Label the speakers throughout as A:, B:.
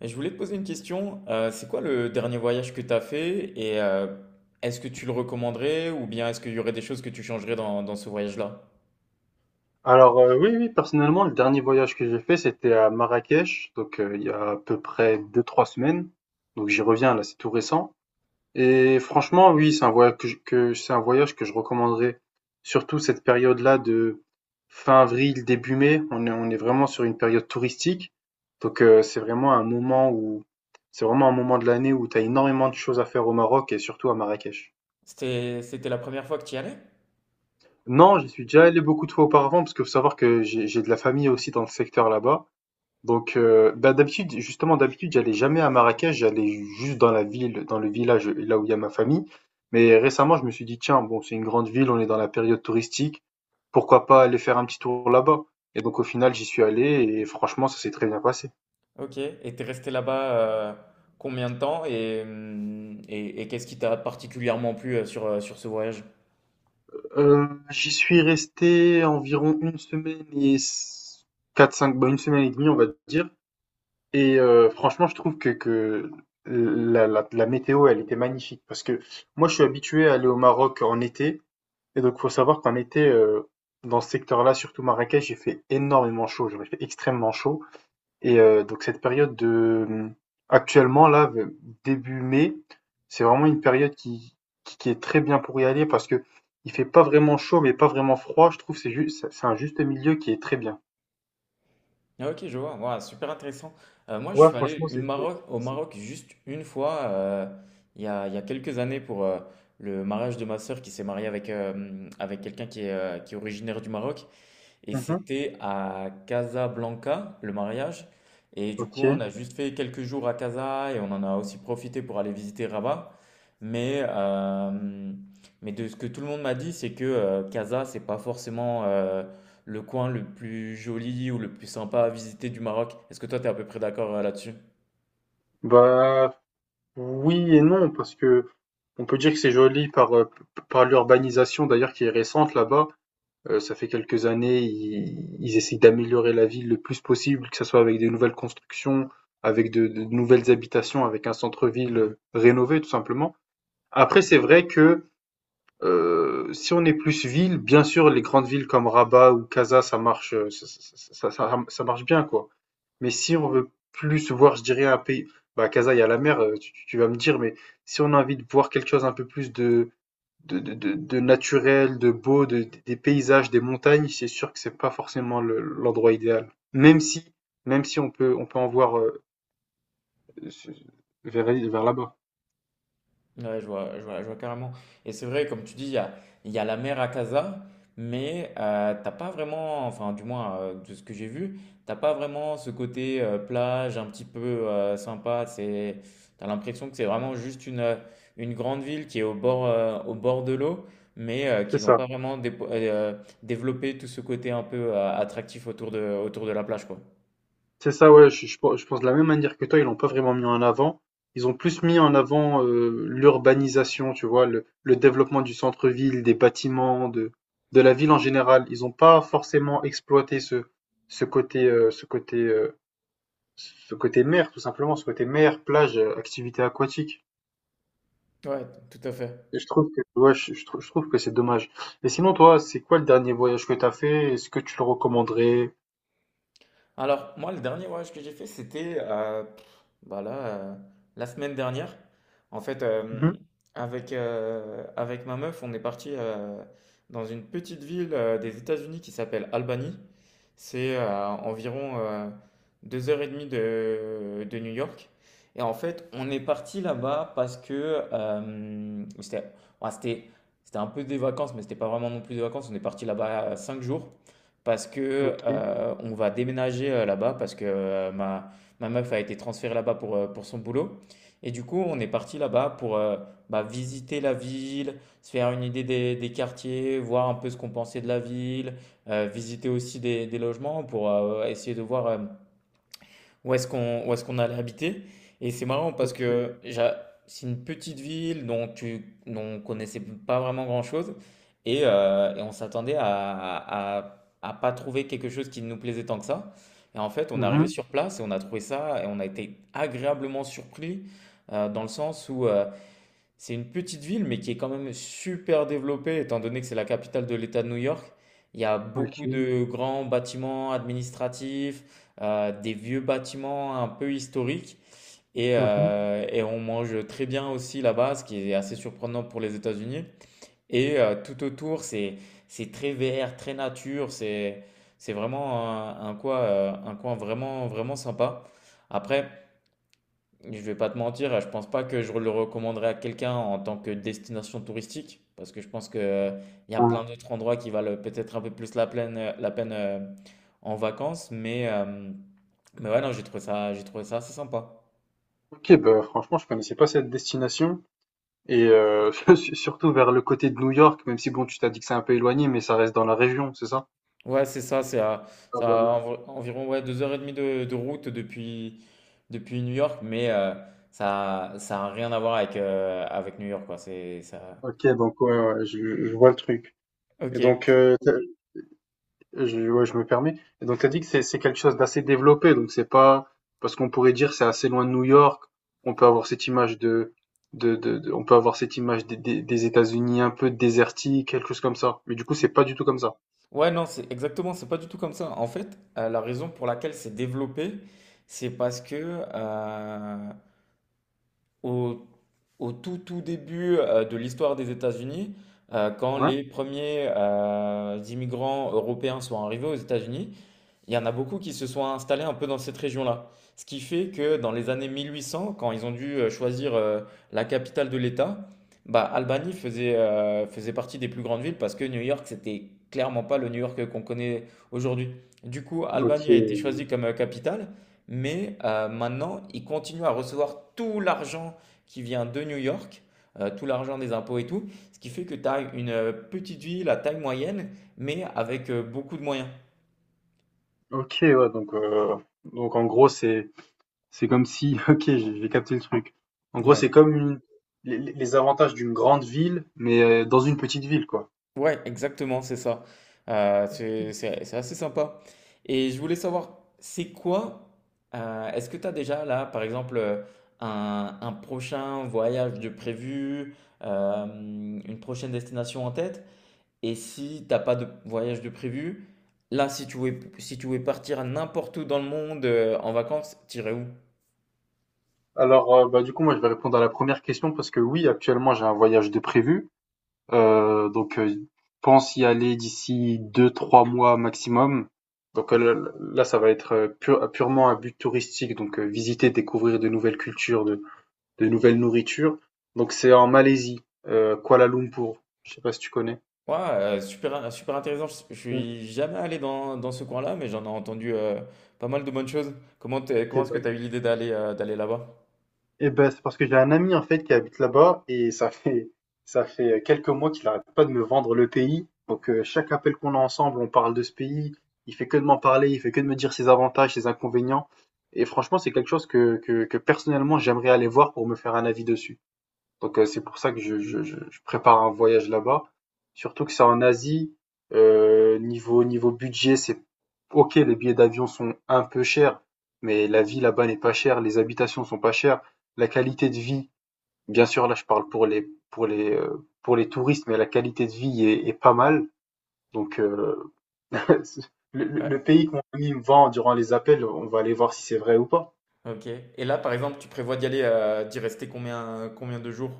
A: Je voulais te poser une question. C'est quoi le dernier voyage que tu as fait et est-ce que tu le recommanderais ou bien est-ce qu'il y aurait des choses que tu changerais dans ce voyage-là?
B: Alors, oui, oui, personnellement, le dernier voyage que j'ai fait, c'était à Marrakech, donc il y a à peu près deux-trois semaines. Donc j'y reviens là, c'est tout récent et franchement, oui, c'est un voyage que je recommanderais, surtout cette période-là de fin avril, début mai. On est vraiment sur une période touristique, donc c'est vraiment un moment de l'année où tu as énormément de choses à faire au Maroc et surtout à Marrakech.
A: C'était la première fois que tu y allais?
B: Non, j'y suis déjà allé beaucoup de fois auparavant parce que faut savoir que j'ai de la famille aussi dans le secteur là-bas. Donc, bah, d'habitude, justement, d'habitude, j'allais jamais à Marrakech, j'allais juste dans la ville, dans le village, là où il y a ma famille. Mais récemment, je me suis dit: «Tiens, bon, c'est une grande ville, on est dans la période touristique, pourquoi pas aller faire un petit tour là-bas?» Et donc au final, j'y suis allé et franchement, ça s'est très bien passé.
A: Ok. Et t'es resté là-bas euh, combien de temps et qu'est-ce qui t'a particulièrement plu sur ce voyage?
B: J'y suis resté environ une semaine et s 4-5, bah, 1 semaine et demie on va dire, et franchement, je trouve que la météo, elle était magnifique parce que moi, je suis habitué à aller au Maroc en été. Et donc, faut savoir qu'en été, dans ce secteur-là, surtout Marrakech, il fait énormément chaud. Genre, il fait extrêmement chaud. Et donc cette période de, actuellement là, v début mai, c'est vraiment une période qui est très bien pour y aller parce que il fait pas vraiment chaud, mais pas vraiment froid. Je trouve que c'est un juste milieu qui est très bien.
A: Ah, ok, je vois. Ouah, super intéressant. Moi, je
B: Ouais,
A: suis allé
B: franchement,
A: Au
B: c'est
A: Maroc juste une fois, il y a quelques années, pour le mariage de ma sœur qui s'est mariée avec quelqu'un qui est originaire du Maroc. Et
B: mmh
A: c'était à Casablanca, le mariage. Et du coup,
B: OK.
A: on a juste fait quelques jours à Casa et on en a aussi profité pour aller visiter Rabat. Mais, euh, mais de ce que tout le monde m'a dit, c'est que Casa, c'est pas forcément le coin le plus joli ou le plus sympa à visiter du Maroc. Est-ce que toi, tu es à peu près d'accord là-dessus?
B: Bah, oui et non parce que on peut dire que c'est joli par l'urbanisation d'ailleurs qui est récente là-bas. Ça fait quelques années, ils essayent d'améliorer la ville le plus possible, que ce soit avec des nouvelles constructions, avec de nouvelles habitations, avec un centre-ville rénové, tout simplement. Après, c'est vrai que si on est plus ville, bien sûr, les grandes villes comme Rabat ou Casa, ça marche, ça marche bien, quoi. Mais si on veut plus voir, je dirais, un pays, bah, Casa, il y a la mer, tu vas me dire, mais si on a envie de voir quelque chose un peu plus de naturel, de beau, des paysages, des montagnes, c'est sûr que c'est pas forcément l'endroit idéal. Même si on peut en voir vers là-bas.
A: Ouais, je vois, je vois, je vois carrément. Et c'est vrai, comme tu dis, il y a la mer à Casa, mais t'as pas vraiment, enfin, du moins, de ce que j'ai vu, t'as pas vraiment ce côté plage un petit peu sympa. T'as l'impression que c'est vraiment juste une grande ville qui est au bord de l'eau, mais
B: C'est
A: qu'ils n'ont
B: ça.
A: pas vraiment développé tout ce côté un peu attractif autour de la plage, quoi.
B: C'est ça, ouais. Je pense de la même manière que toi, ils l'ont pas vraiment mis en avant. Ils ont plus mis en avant l'urbanisation, tu vois, le développement du centre-ville, des bâtiments, de la ville en général. Ils ont pas forcément exploité ce côté, euh, ce côté euh, Ce côté mer, tout simplement, ce côté mer, plage, activité aquatique.
A: Ouais, tout à fait.
B: Et je trouve que, ouais, je trouve que c'est dommage. Et sinon, toi, c'est quoi le dernier voyage que t'as fait? Est-ce que tu le recommanderais?
A: Alors, moi, le dernier voyage que j'ai fait, c'était bah là, la semaine dernière. En fait,
B: Mhm.
A: avec ma meuf, on est parti dans une petite ville des États-Unis qui s'appelle Albany. C'est environ deux heures et demie de New York. Et en fait, on est parti là-bas parce que c'était ouais, c'était un peu des vacances, mais c'était pas vraiment non plus des vacances. On est parti là-bas 5 jours parce que
B: Ok,
A: on va déménager là-bas parce que ma meuf a été transférée là-bas pour son boulot. Et du coup, on est parti là-bas pour bah, visiter la ville, se faire une idée des quartiers, voir un peu ce qu'on pensait de la ville, visiter aussi des logements pour essayer de voir où est-ce qu'on allait habiter. Et c'est marrant parce
B: ok.
A: que c'est une petite ville dont on connaissait pas vraiment grand-chose et, et on s'attendait à à pas trouver quelque chose qui nous plaisait tant que ça. Et en fait, on est arrivé
B: Mhm.
A: sur place et on a trouvé ça et on a été agréablement surpris dans le sens où c'est une petite ville, mais qui est quand même super développée, étant donné que c'est la capitale de l'État de New York. Il y a beaucoup
B: Ok.
A: de grands bâtiments administratifs, des vieux bâtiments un peu historiques, et,
B: Mhm.
A: et on mange très bien aussi là-bas, ce qui est assez surprenant pour les États-Unis. Et tout autour, c'est très vert, très nature, c'est vraiment un coin vraiment vraiment sympa. Après. Je vais pas te mentir, je pense pas que je le recommanderais à quelqu'un en tant que destination touristique, parce que je pense que il y a
B: Ah.
A: plein d'autres endroits qui valent peut-être un peu plus la peine en vacances, mais ouais, non, j'ai trouvé ça assez sympa.
B: Ok, bah, franchement, je connaissais pas cette destination. Et surtout vers le côté de New York, même si bon, tu t'as dit que c'est un peu éloigné, mais ça reste dans la région, c'est ça?
A: Ouais, c'est ça,
B: Ah,
A: ça a
B: voilà.
A: environ ouais, 2 h 30 de route depuis New York, mais ça a rien à voir avec New York, quoi. C'est ça.
B: Ok, donc ouais, ouais, je vois le truc. Et
A: Ok.
B: donc, je, ouais, je me permets. Et donc, tu as dit que c'est quelque chose d'assez développé. Donc, c'est pas parce qu'on pourrait dire c'est assez loin de New York. On peut avoir cette image des États-Unis un peu désertiques, quelque chose comme ça. Mais du coup, c'est pas du tout comme ça.
A: Ouais, non, c'est exactement, c'est pas du tout comme ça. En fait, la raison pour laquelle c'est développé, c'est parce que euh, au, au tout tout début de l'histoire des États-Unis, quand
B: Ouais.
A: les premiers immigrants européens sont arrivés aux États-Unis, il y en a beaucoup qui se sont installés un peu dans cette région-là. Ce qui fait que dans les années 1800, quand ils ont dû choisir la capitale de l'État, bah, Albany faisait partie des plus grandes villes parce que New York, c'était clairement pas le New York qu'on connaît aujourd'hui. Du coup,
B: Ok.
A: Albany a été choisie comme capitale, mais maintenant, ils continuent à recevoir tout l'argent qui vient de New York, tout l'argent des impôts et tout, ce qui fait que tu as une petite ville à taille moyenne, mais avec beaucoup de moyens.
B: Ok. Ouais. Donc en gros, c'est comme si. Ok, j'ai capté le truc. En gros, c'est
A: Ouais.
B: comme les avantages d'une grande ville, mais dans une petite ville, quoi.
A: Ouais, exactement, c'est ça. C'est assez sympa. Et je voulais savoir, c'est quoi, est-ce que tu as déjà là, par exemple, un prochain voyage de prévu, une prochaine destination en tête? Et si t'as pas de voyage de prévu, là, si tu voulais partir n'importe où dans le monde, en vacances, t'irais où?
B: Alors, bah, du coup, moi, je vais répondre à la première question parce que oui, actuellement, j'ai un voyage de prévu. Donc, pense y aller d'ici deux, trois mois maximum. Donc là, ça va être purement un but touristique, donc visiter, découvrir de nouvelles cultures, de nouvelles nourritures. Donc c'est en Malaisie, Kuala Lumpur. Je sais pas si tu connais.
A: Ouais, super, super intéressant. Je
B: Ok,
A: suis jamais allé dans ce coin-là, mais j'en ai entendu pas mal de bonnes choses. Comment comment est-ce que tu as
B: bah,
A: eu l'idée d'aller d'aller là-bas?
B: eh ben, c'est parce que j'ai un ami en fait qui habite là-bas et ça fait quelques mois qu'il arrête pas de me vendre le pays. Donc chaque appel qu'on a ensemble, on parle de ce pays. Il fait que de m'en parler, il fait que de me dire ses avantages, ses inconvénients. Et franchement, c'est quelque chose que personnellement j'aimerais aller voir pour me faire un avis dessus. Donc, c'est pour ça que je prépare un voyage là-bas. Surtout que c'est en Asie, niveau budget, c'est OK, les billets d'avion sont un peu chers, mais la vie là-bas n'est pas chère, les habitations sont pas chères, la qualité de vie, bien sûr, là, je parle pour les touristes, mais la qualité de vie est pas mal. Donc, le
A: Ouais,
B: pays que mon ami me vend durant les appels, on va aller voir si c'est vrai ou pas.
A: ok. Et là, par exemple, tu prévois d'y rester combien de jours?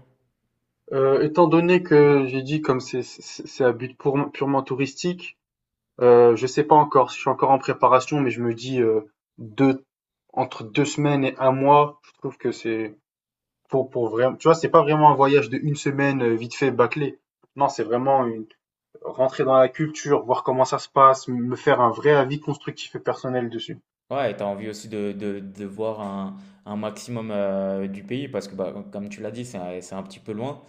B: Étant donné que j'ai dit comme c'est à but pourment purement touristique. Je sais pas encore, je suis encore en préparation, mais je me dis deux, entre deux semaines et un mois, je trouve que c'est pour, vraiment. Tu vois, c'est pas vraiment un voyage de une semaine vite fait bâclé. Non, c'est vraiment une rentrer dans la culture, voir comment ça se passe, me faire un vrai avis constructif et personnel dessus.
A: Ouais, et tu envie aussi de voir un maximum du pays parce que, bah, comme tu l'as dit, c'est un petit peu loin.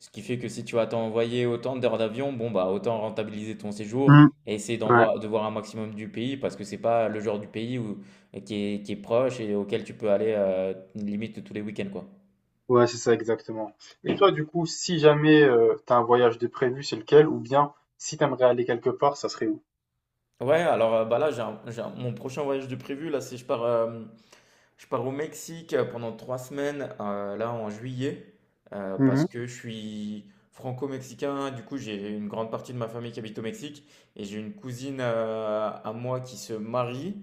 A: Ce qui fait que si tu vas t'envoyer autant d'heures d'avion, bon, bah, autant rentabiliser ton séjour
B: Hmm.
A: et essayer d'en
B: Ouais,
A: voir, de voir un maximum du pays parce que c'est pas le genre du pays qui est proche et auquel tu peux aller limite tous les week-ends, quoi.
B: ouais, c'est ça exactement. Et toi, du coup, si jamais t'as un voyage de prévu, c'est lequel? Ou bien si t'aimerais aller quelque part, ça serait où?
A: Ouais, alors bah là, mon prochain voyage de prévu, là, c'est je pars au Mexique pendant 3 semaines, là en juillet, parce que je suis franco-mexicain. Du coup, j'ai une grande partie de ma famille qui habite au Mexique et j'ai une cousine à moi qui se marie.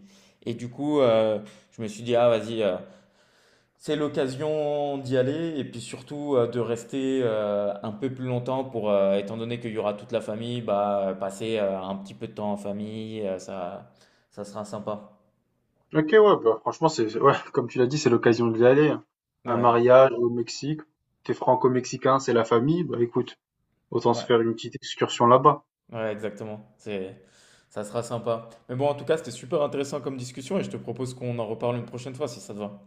A: Et du coup, je me suis dit, ah vas-y, c'est l'occasion d'y aller et puis surtout de rester un peu plus longtemps pour, étant donné qu'il y aura toute la famille, bah, passer un petit peu de temps en famille, ça sera sympa.
B: Ok, ouais, bah, franchement, c'est, ouais, comme tu l'as dit, c'est l'occasion d'y aller. Un
A: Ouais,
B: mariage au Mexique, t'es franco-mexicain, c'est la famille, bah écoute, autant se
A: ouais.
B: faire une petite excursion là-bas.
A: Ouais, exactement. Ça sera sympa. Mais bon, en tout cas, c'était super intéressant comme discussion et je te propose qu'on en reparle une prochaine fois si ça te va.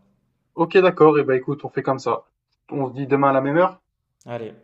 B: Ok, d'accord, et bah écoute, on fait comme ça. On se dit demain à la même heure?
A: Allez.